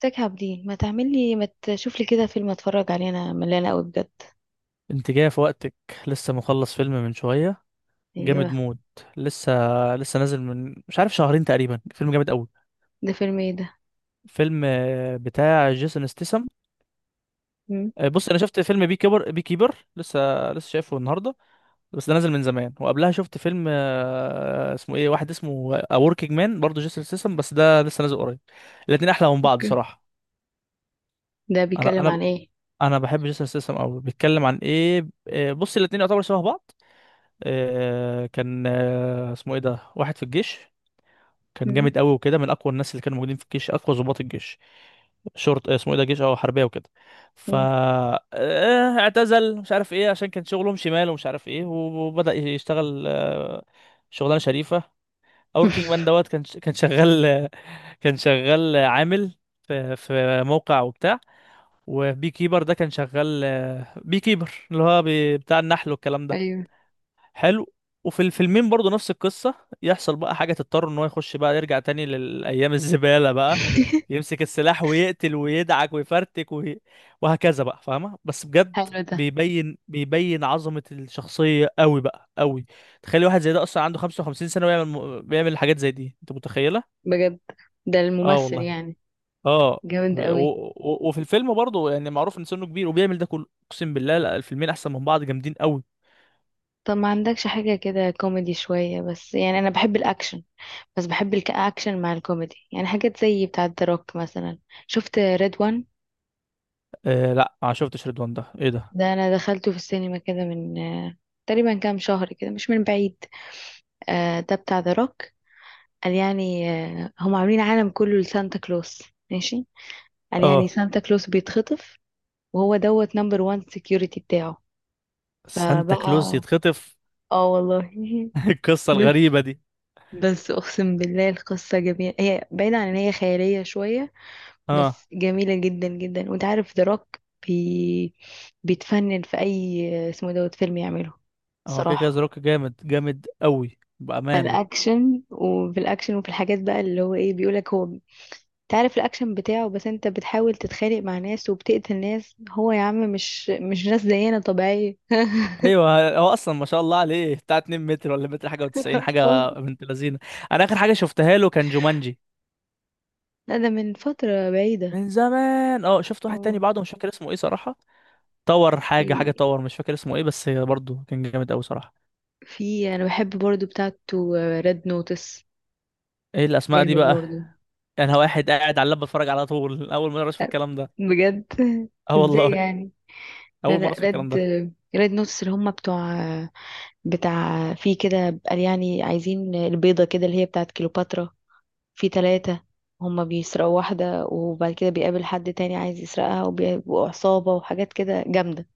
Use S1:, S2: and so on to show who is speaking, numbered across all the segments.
S1: تاك عابدين، ما تعمل لي، ما تشوف لي كده فيلم اتفرج عليه. انا ملانه قوي بجد.
S2: انت جاية في وقتك. لسه مخلص فيلم من شوية. جامد
S1: ايوه.
S2: موت. لسه لسه نازل من مش عارف شهرين تقريبا، فيلم جامد قوي.
S1: ده فيلم ايه ده؟
S2: فيلم بتاع جيسون ستيسم.
S1: مم.
S2: بص، انا شفت فيلم بي كيبر، لسه شايفه النهارده، بس ده نازل من زمان. وقبلها شفت فيلم اسمه ايه، واحد اسمه اوركينج مان، برضه جيسون ستيسم، بس ده لسه نازل قريب. الاتنين احلى من بعض
S1: اوكي.
S2: صراحة.
S1: ده
S2: انا
S1: بيتكلم
S2: انا
S1: عن ايه؟
S2: انا بحب جيسون ستيسم قوي. بيتكلم عن ايه؟ بص، الاتنين يعتبروا شبه بعض. كان اسمه ايه ده، واحد في الجيش، كان
S1: مم.
S2: جامد قوي وكده، من اقوى الناس اللي كانوا موجودين في الجيش، اقوى ضباط الجيش. شرط اسمه ايه ده، جيش او حربيه وكده. ف
S1: مم.
S2: اعتزل، مش عارف ايه، عشان كان شغلهم شمال ومش عارف ايه، وبدأ يشتغل شغلانه شريفه. اوركينج مان دوت، كان شغال كان شغال عامل في موقع وبتاع. وبي كيبر ده كان شغال، بي كيبر اللي هو بتاع النحل والكلام ده.
S1: ايوه.
S2: حلو. وفي الفيلمين برضو نفس القصة، يحصل بقى حاجة تضطر ان هو يخش بقى، يرجع تاني للأيام الزبالة بقى، يمسك السلاح ويقتل ويدعك ويفرتك وهكذا بقى، فاهمة؟ بس بجد
S1: حلو ده.
S2: بيبين عظمة الشخصية قوي بقى قوي. تخيل واحد زي ده أصلا عنده 55 سنة، بيعمل حاجات زي دي، أنت متخيلة؟
S1: بجد؟ ده
S2: اه
S1: الممثل
S2: والله،
S1: يعني؟
S2: اه.
S1: جامد قوي.
S2: وفي الفيلم برضه يعني معروف ان سنه كبير وبيعمل ده كله، اقسم بالله، لا، الفيلمين احسن من بعض، جامدين قوي.
S1: طب ما عندكش حاجة كده كوميدي شوية، بس يعني أنا بحب الأكشن. بس بحب الأكشن مع الكوميدي، يعني حاجات زي بتاعة روك مثلا. شفت ريد وان؟
S2: لا، ما شفتش، رضوان ده ايه ده؟
S1: ده انا دخلته في السينما كده من تقريبا كام شهر كده، مش من بعيد. ده بتاع ذا روك. قال يعني هم عاملين عالم كله لسانتا كلوس. ماشي. قال يعني
S2: اه.
S1: سانتا كلوس بيتخطف، وهو دوت نمبر وان سكيورتي بتاعه.
S2: سانتا
S1: فبقى.
S2: كلوز يتخطف؟
S1: اه والله.
S2: القصة
S1: بس
S2: الغريبة دي.
S1: بس اقسم بالله القصة جميلة، هي بعيدة عن ان هي خيالية شوية،
S2: اه.
S1: بس جميلة جدا جدا. وانت عارف ذا روك، بي... بيتفنن في اي اسمه دوت فيلم يعمله،
S2: هو كده كده ذا
S1: صراحة.
S2: روك، جامد جامد قوي بأمانة.
S1: فالاكشن، وفي الاكشن، وفي الحاجات بقى اللي هو ايه بيقولك هو. تعرف الاكشن بتاعه، بس انت بتحاول تتخانق مع ناس وبتقتل ناس، هو يا عم مش ناس زينا طبيعية.
S2: ايوه، هو اصلا ما شاء الله عليه بتاع 2 متر، ولا متر حاجة و90
S1: اه
S2: حاجة، بنت لذينة. انا اخر حاجة شفتها له كان جومانجي.
S1: لا، ده من فترة بعيدة.
S2: من زمان، اه. شفت واحد
S1: اه.
S2: تاني بعده، مش فاكر اسمه ايه صراحة. طور حاجة، حاجة
S1: في
S2: طور، مش فاكر اسمه ايه، بس برضه كان جامد قوي صراحة.
S1: في انا بحب برضو بتاعته، ريد نوتس.
S2: ايه الاسماء دي
S1: جامد
S2: بقى؟
S1: برضو.
S2: انا واحد قاعد على اللاب بتفرج على طول، اول مرة اشوف
S1: لا،
S2: الكلام ده.
S1: بجد.
S2: اه
S1: ازاي
S2: والله،
S1: يعني؟ لا
S2: اول
S1: لا،
S2: مرة اشوف الكلام
S1: ريد
S2: ده.
S1: ريد نوتس، اللي هم بتوع بتاع، في كده قال يعني عايزين البيضة كده اللي هي بتاعت كليوباترا. في ثلاثة. هما بيسرقوا واحدة، وبعد كده بيقابل حد تاني عايز يسرقها، وبيبقوا عصابة وحاجات كده جامدة.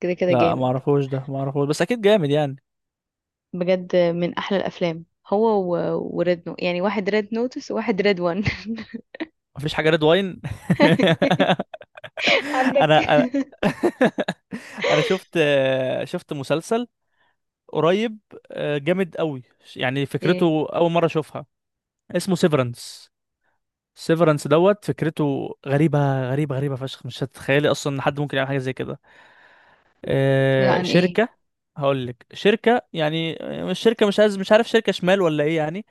S1: كده كده
S2: لا ما
S1: جامد.
S2: اعرفوش ده، ما اعرفوش، بس اكيد جامد يعني.
S1: بجد من أحلى الأفلام. هو وريد نو يعني واحد ريد نوتس وواحد ريد وان.
S2: مفيش حاجه ريد واين. انا
S1: عندك
S2: انا انا شفت، شفت مسلسل قريب، جامد قوي. يعني
S1: ايه؟
S2: فكرته اول مره اشوفها، اسمه سيفرنس. سيفرنس دوت، فكرته غريبه غريبه غريبه فشخ، مش هتتخيلي اصلا ان حد ممكن يعمل حاجه زي كده.
S1: عن ايه؟
S2: شركه. هقول لك، شركه يعني مش شركه، مش عايز، مش عارف، شركه شمال ولا ايه يعني.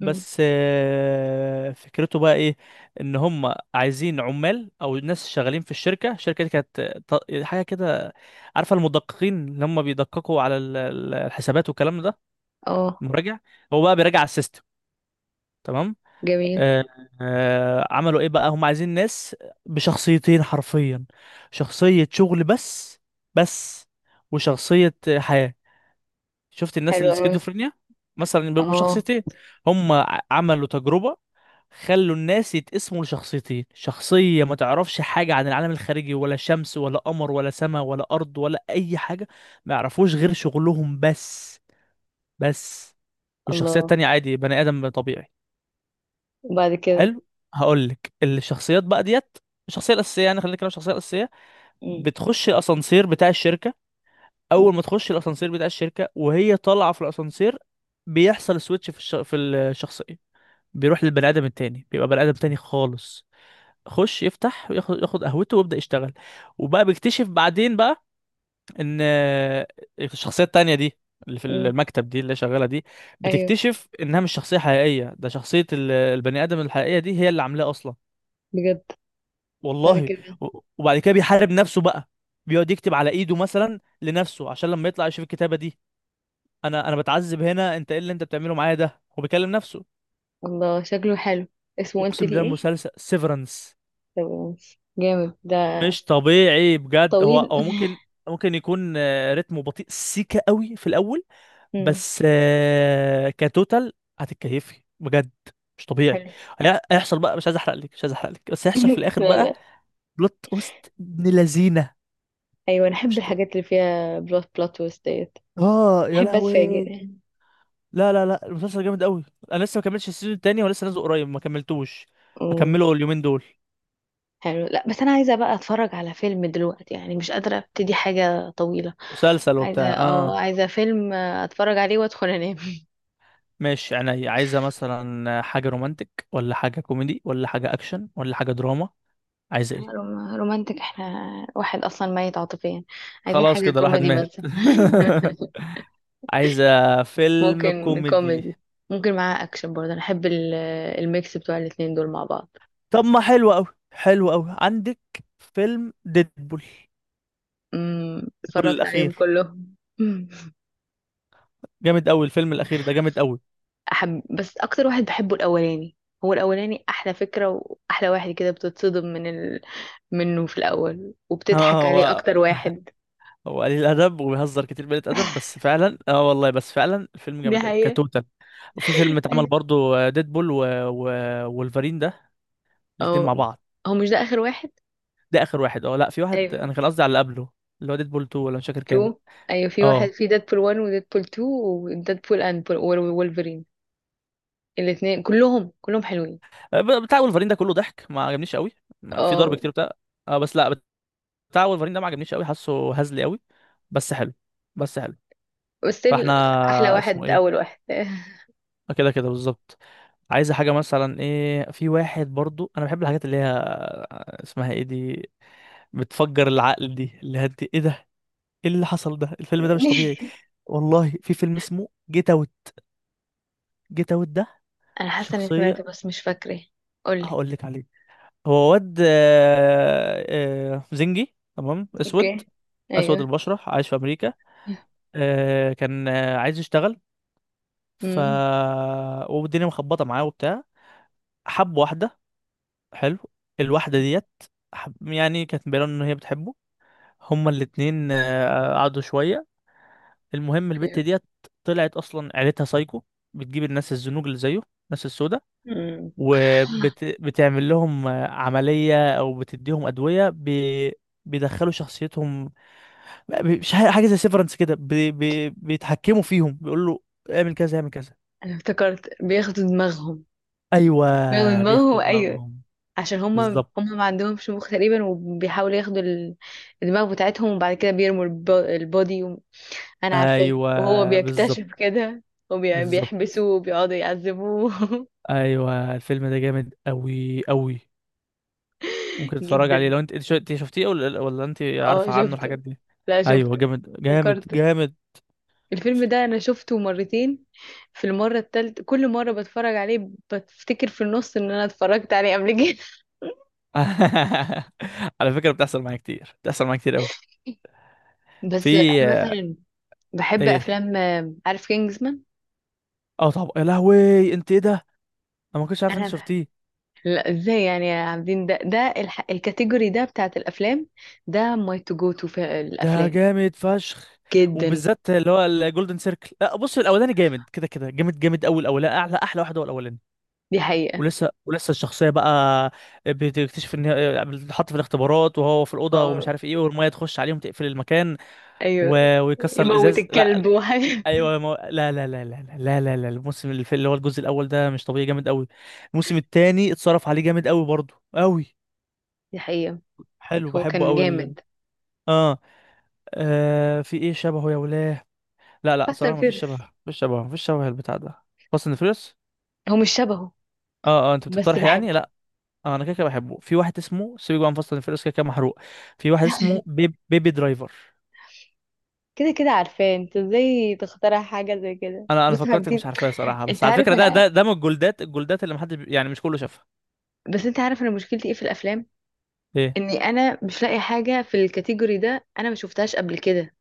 S1: مم.
S2: فكرته بقى ايه، ان هم عايزين عمال او ناس شغالين في الشركه دي كانت حاجه كده. عارفه المدققين اللي هم بيدققوا على الحسابات والكلام ده،
S1: اه،
S2: المراجع. هو بقى بيراجع على السيستم. تمام.
S1: جميل.
S2: آه. عملوا ايه بقى، هم عايزين ناس بشخصيتين حرفيا، شخصيه شغل بس، بس، وشخصيه حياه. شفت الناس
S1: حلو
S2: اللي
S1: أوي.
S2: سكيزوفرينيا؟ مثلا بيبقوا
S1: اه.
S2: شخصيتين. هم عملوا تجربه، خلوا الناس يتقسموا لشخصيتين، شخصية ما تعرفش حاجة عن العالم الخارجي، ولا شمس ولا قمر ولا سماء ولا أرض ولا أي حاجة، ما يعرفوش غير شغلهم بس، بس. والشخصية
S1: الله.
S2: التانية عادي، بني آدم طبيعي.
S1: وبعد كده؟
S2: حلو. هقولك الشخصيات بقى ديت، الشخصية الأساسية، يعني خلينا نتكلم عن الشخصية الأساسية.
S1: مم.
S2: بتخش الأسانسير بتاع الشركة. أول
S1: مم.
S2: ما تخش الأسانسير بتاع الشركة وهي طالعة في الأسانسير، بيحصل سويتش في الشخصية. بيروح للبني آدم التاني، بيبقى بني آدم تاني خالص. خش يفتح وياخد قهوته ويبدأ يشتغل. وبقى بيكتشف بعدين بقى ان الشخصية التانية دي، اللي في
S1: مم.
S2: المكتب دي، اللي شغالة دي،
S1: أيوه.
S2: بتكتشف انها مش شخصية حقيقية، ده شخصية البني آدم الحقيقية دي هي اللي عاملاه اصلا.
S1: بجد. بعد
S2: والله.
S1: كده؟
S2: وبعد كده بيحارب نفسه بقى، بيقعد يكتب على ايده مثلا لنفسه عشان لما يطلع يشوف الكتابة دي. انا بتعذب هنا، انت ايه اللي انت بتعمله معايا ده، هو بيكلم نفسه.
S1: الله، شكله حلو. اسمه قلت
S2: اقسم
S1: لي
S2: بالله
S1: ايه؟
S2: المسلسل سيفرنس
S1: طب، جامد ده.
S2: مش طبيعي بجد. هو
S1: طويل.
S2: هو ممكن، ممكن يكون رتمه بطيء سيكا قوي في الاول،
S1: مم.
S2: بس كتوتال هتتكيفي بجد، مش طبيعي.
S1: حلو.
S2: هيحصل بقى، مش عايز احرق لك، مش عايز احرق لك، بس هيحصل في الاخر
S1: لا
S2: بقى
S1: لا.
S2: بلوت تويست ابن لذينه.
S1: ايوه، انا احب
S2: مش ط...
S1: الحاجات اللي فيها بلوت تويست ديت.
S2: اه يا
S1: احب
S2: لهوي.
S1: اتفاجئ.
S2: لا لا لا، المسلسل جامد قوي. انا لسه ما كملتش السيزون التاني، ولسه نازل قريب ما كملتوش.
S1: أمم،
S2: هكمله اليومين دول.
S1: حلو. لا بس انا عايزه بقى اتفرج على فيلم دلوقتي، يعني مش قادره ابتدي حاجه طويله.
S2: مسلسل
S1: عايزه
S2: وبتاع،
S1: اه
S2: اه.
S1: عايزه فيلم اتفرج عليه وادخل انام.
S2: ماشي، يعني عايزة مثلا حاجة رومانتك ولا حاجة كوميدي ولا حاجة أكشن ولا حاجة دراما؟ عايزة إيه؟
S1: رومانتك؟ احنا واحد اصلا ميت عاطفيا. عايزين
S2: خلاص
S1: حاجه
S2: كده الواحد
S1: كوميدي
S2: مات.
S1: بس.
S2: عايزة فيلم
S1: ممكن
S2: كوميدي.
S1: كوميدي، ممكن معاه اكشن برضه. انا احب الميكس بتوع الاتنين دول مع بعض.
S2: طب ما حلو أوي، حلو أوي عندك، فيلم ديدبول. ديدبول
S1: اتفرجت عليهم
S2: الأخير
S1: كلهم.
S2: جامد أوي، الفيلم الأخير ده جامد أوي.
S1: أحب، بس أكتر واحد بحبه الأولاني. هو الأولاني أحلى فكرة وأحلى واحد، كده بتتصدم منه في الأول،
S2: آه،
S1: وبتضحك عليه
S2: هو
S1: أكتر واحد.
S2: هو قليل أدب وبيهزر كتير بقلة أدب، بس فعلا، اه والله، بس فعلا الفيلم
S1: دي
S2: جامد أوي
S1: حقيقة.
S2: كتوتال. وفي فيلم اتعمل
S1: أيوة.
S2: برضو ديدبول و... وولفرين ده، الاتنين مع
S1: أو،
S2: بعض.
S1: هو مش ده آخر واحد؟
S2: ده اخر واحد، اه لا، في واحد،
S1: أيوة،
S2: انا كان قصدي على اللي قبله، اللي هو ديدبول 2، ولا مش فاكر كام.
S1: تو. أيوة، في واحد،
S2: اه،
S1: في ديدبول 1 وديدبول 2 وديدبول أند وولفرين. الاتنين كلهم حلوين.
S2: بتاع ولفرين ده كله ضحك، ما عجبنيش قوي. في ضرب
S1: اه.
S2: كتير بتاع، اه، بس لا، بتاع ولفرين ده ما عجبنيش قوي، حاسه هزلي قوي. بس حلو، بس حلو.
S1: بس
S2: فاحنا،
S1: أحلى
S2: اسمه
S1: واحد
S2: ايه؟
S1: أول واحد.
S2: كده كده بالظبط. عايزه حاجه مثلا ايه، في واحد برضو، انا بحب الحاجات اللي هي اسمها ايه دي، بتفجر العقل دي، اللي هي ايه ده، ايه اللي حصل ده، الفيلم ده مش طبيعي. والله في فيلم اسمه جيت اوت. جيت اوت ده
S1: أنا حاسة إني
S2: شخصيه،
S1: سمعته بس مش فاكرة. قولي.
S2: هقول لك عليه. هو واد زنجي تمام، اسود،
S1: اوكي.
S2: اسود
S1: أيوة.
S2: البشره، عايش في امريكا. كان عايز يشتغل. ف والدنيا مخبطه معاه وبتاع. حب واحده. حلو. الواحده ديت، يعني كانت مبينه ان هي بتحبه. هما الاتنين قعدوا شويه. المهم البت
S1: اوكي.
S2: ديت طلعت اصلا عيلتها سايكو، بتجيب الناس الزنوج اللي زيه، الناس السوداء،
S1: امم
S2: وبتعمل لهم عمليه، او بتديهم ادويه بيدخلوا شخصيتهم. مش حاجه زي سيفرنس كده، بي بي بيتحكموا فيهم، بيقول له اعمل كذا، اعمل كذا.
S1: انا افتكرت بياخدوا دماغهم.
S2: ايوه
S1: بياخدوا
S2: بياخدوا
S1: دماغهم، ايوه.
S2: دماغهم.
S1: عشان هما
S2: بالظبط.
S1: هما ما عندهمش مخ تقريبا، وبيحاولوا ياخدوا الدماغ بتاعتهم، وبعد كده بيرموا البودي انا عارفاه، وهو
S2: ايوه بالظبط.
S1: بيكتشف كده،
S2: بالظبط.
S1: وبيحبسوه وبيقعدوا يعذبوه.
S2: ايوه، الفيلم ده جامد قوي قوي. ممكن تتفرج عليه
S1: جدا.
S2: لو انت انت شفتيه، ولا انت
S1: اه،
S2: عارفه عنه الحاجات
S1: شفته.
S2: دي.
S1: لا
S2: ايوه،
S1: شفته.
S2: جامد جامد
S1: ذكرت.
S2: جامد.
S1: الفيلم ده انا شفته مرتين. في المرة التالتة، كل مرة بتفرج عليه بفتكر في النص ان انا اتفرجت عليه قبل كده.
S2: على فكره بتحصل معايا كتير، بتحصل معايا كتير قوي.
S1: بس
S2: في،
S1: انا مثلا بحب
S2: ايه؟
S1: افلام عارف كينجزمان.
S2: اه طب يا لهوي، انت ايه ده، انا ما كنتش عارف انت
S1: انا ب-
S2: شفتيه.
S1: لا، ازاي يعني يا عابدين؟ ده الكاتيجوري ده بتاعت الافلام. ده ماي تو جو تو في
S2: ده
S1: الافلام.
S2: جامد فشخ،
S1: جدا.
S2: وبالذات اللي هو الجولدن سيركل. لا، بص، الاولاني جامد، كده كده جامد جامد قوي الاولاني، احلى واحد هو الاولاني.
S1: دي حقيقة.
S2: ولسه الشخصيه بقى بتكتشف ان هي بتتحط في الاختبارات، وهو في الاوضه ومش
S1: اه،
S2: عارف ايه، والميه تخش عليهم تقفل المكان
S1: ايوه.
S2: ويكسر
S1: يموت
S2: الازاز. لا.
S1: الكلب وحاجة.
S2: ايوه، ما... لا لا لا لا لا لا لا لا، الموسم اللي اللي هو الجزء الاول ده مش طبيعي جامد قوي. الموسم الثاني اتصرف عليه جامد قوي برضه قوي.
S1: دي حقيقة.
S2: حلو،
S1: هو
S2: بحبه
S1: كان
S2: قوي
S1: جامد.
S2: آه. اه، في ايه شبهه يا ولاه؟ لا لا،
S1: حسن
S2: صراحة مفيش شبه،
S1: فيرس.
S2: مفيش شبه، مفيش شبه البتاع ده. فاست اند فيريوس؟
S1: هو مش شبهه.
S2: اه اه، انت
S1: بس
S2: بتقترح يعني،
S1: بحبه.
S2: لا. انا كده كده بحبه، في واحد اسمه سيبك بقى من فاست اند فيريوس كده كده محروق. في واحد اسمه بيبي درايفر.
S1: كده كده عارفاه. انت ازاي تخترع حاجة زي كده؟
S2: انا
S1: بص يا
S2: فكرتك
S1: عابدين،
S2: مش عارفاه صراحة،
S1: انت
S2: بس على
S1: عارف
S2: فكرة ده
S1: انا،
S2: ده ده من الجولدات اللي محدش يعني مش كله شافها.
S1: بس انت عارف انا مشكلتي ايه في الافلام.
S2: ايه؟
S1: اني انا مش لاقي حاجة في الكاتيجوري ده انا ما شفتهاش قبل كده.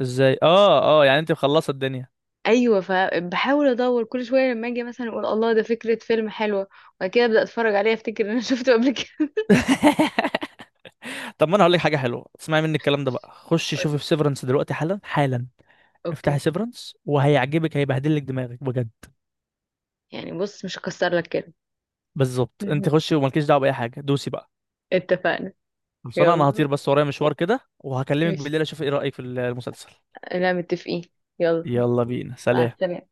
S2: ازاي، اه اه، يعني انت مخلصة الدنيا.
S1: ايوه، فبحاول ادور كل شويه لما اجي مثلا اقول الله ده فكره فيلم حلوه، وبعد كده ابدا اتفرج عليه افتكر ان انا شفته قبل كده.
S2: طب ما انا هقول لك حاجة حلوة، اسمعي مني الكلام ده بقى، خش شوفي
S1: قولي.
S2: في سيفرنس دلوقتي، حالا حالا. افتحي
S1: اوكي.
S2: سيفرنس وهيعجبك، هيبهدلك دماغك بجد.
S1: يعني بص، مش هكسر لك كده.
S2: بالظبط، انت خشي ومالكيش دعوة بأي حاجة، دوسي بقى.
S1: اتفقنا.
S2: خلصانه، انا
S1: يلا
S2: هطير بس ورايا مشوار كده، وهكلمك
S1: ماشي.
S2: بالليل اشوف ايه رايك في المسلسل.
S1: لا متفقين. يلا.
S2: يلا بينا،
S1: مع
S2: سلام.
S1: السلامه.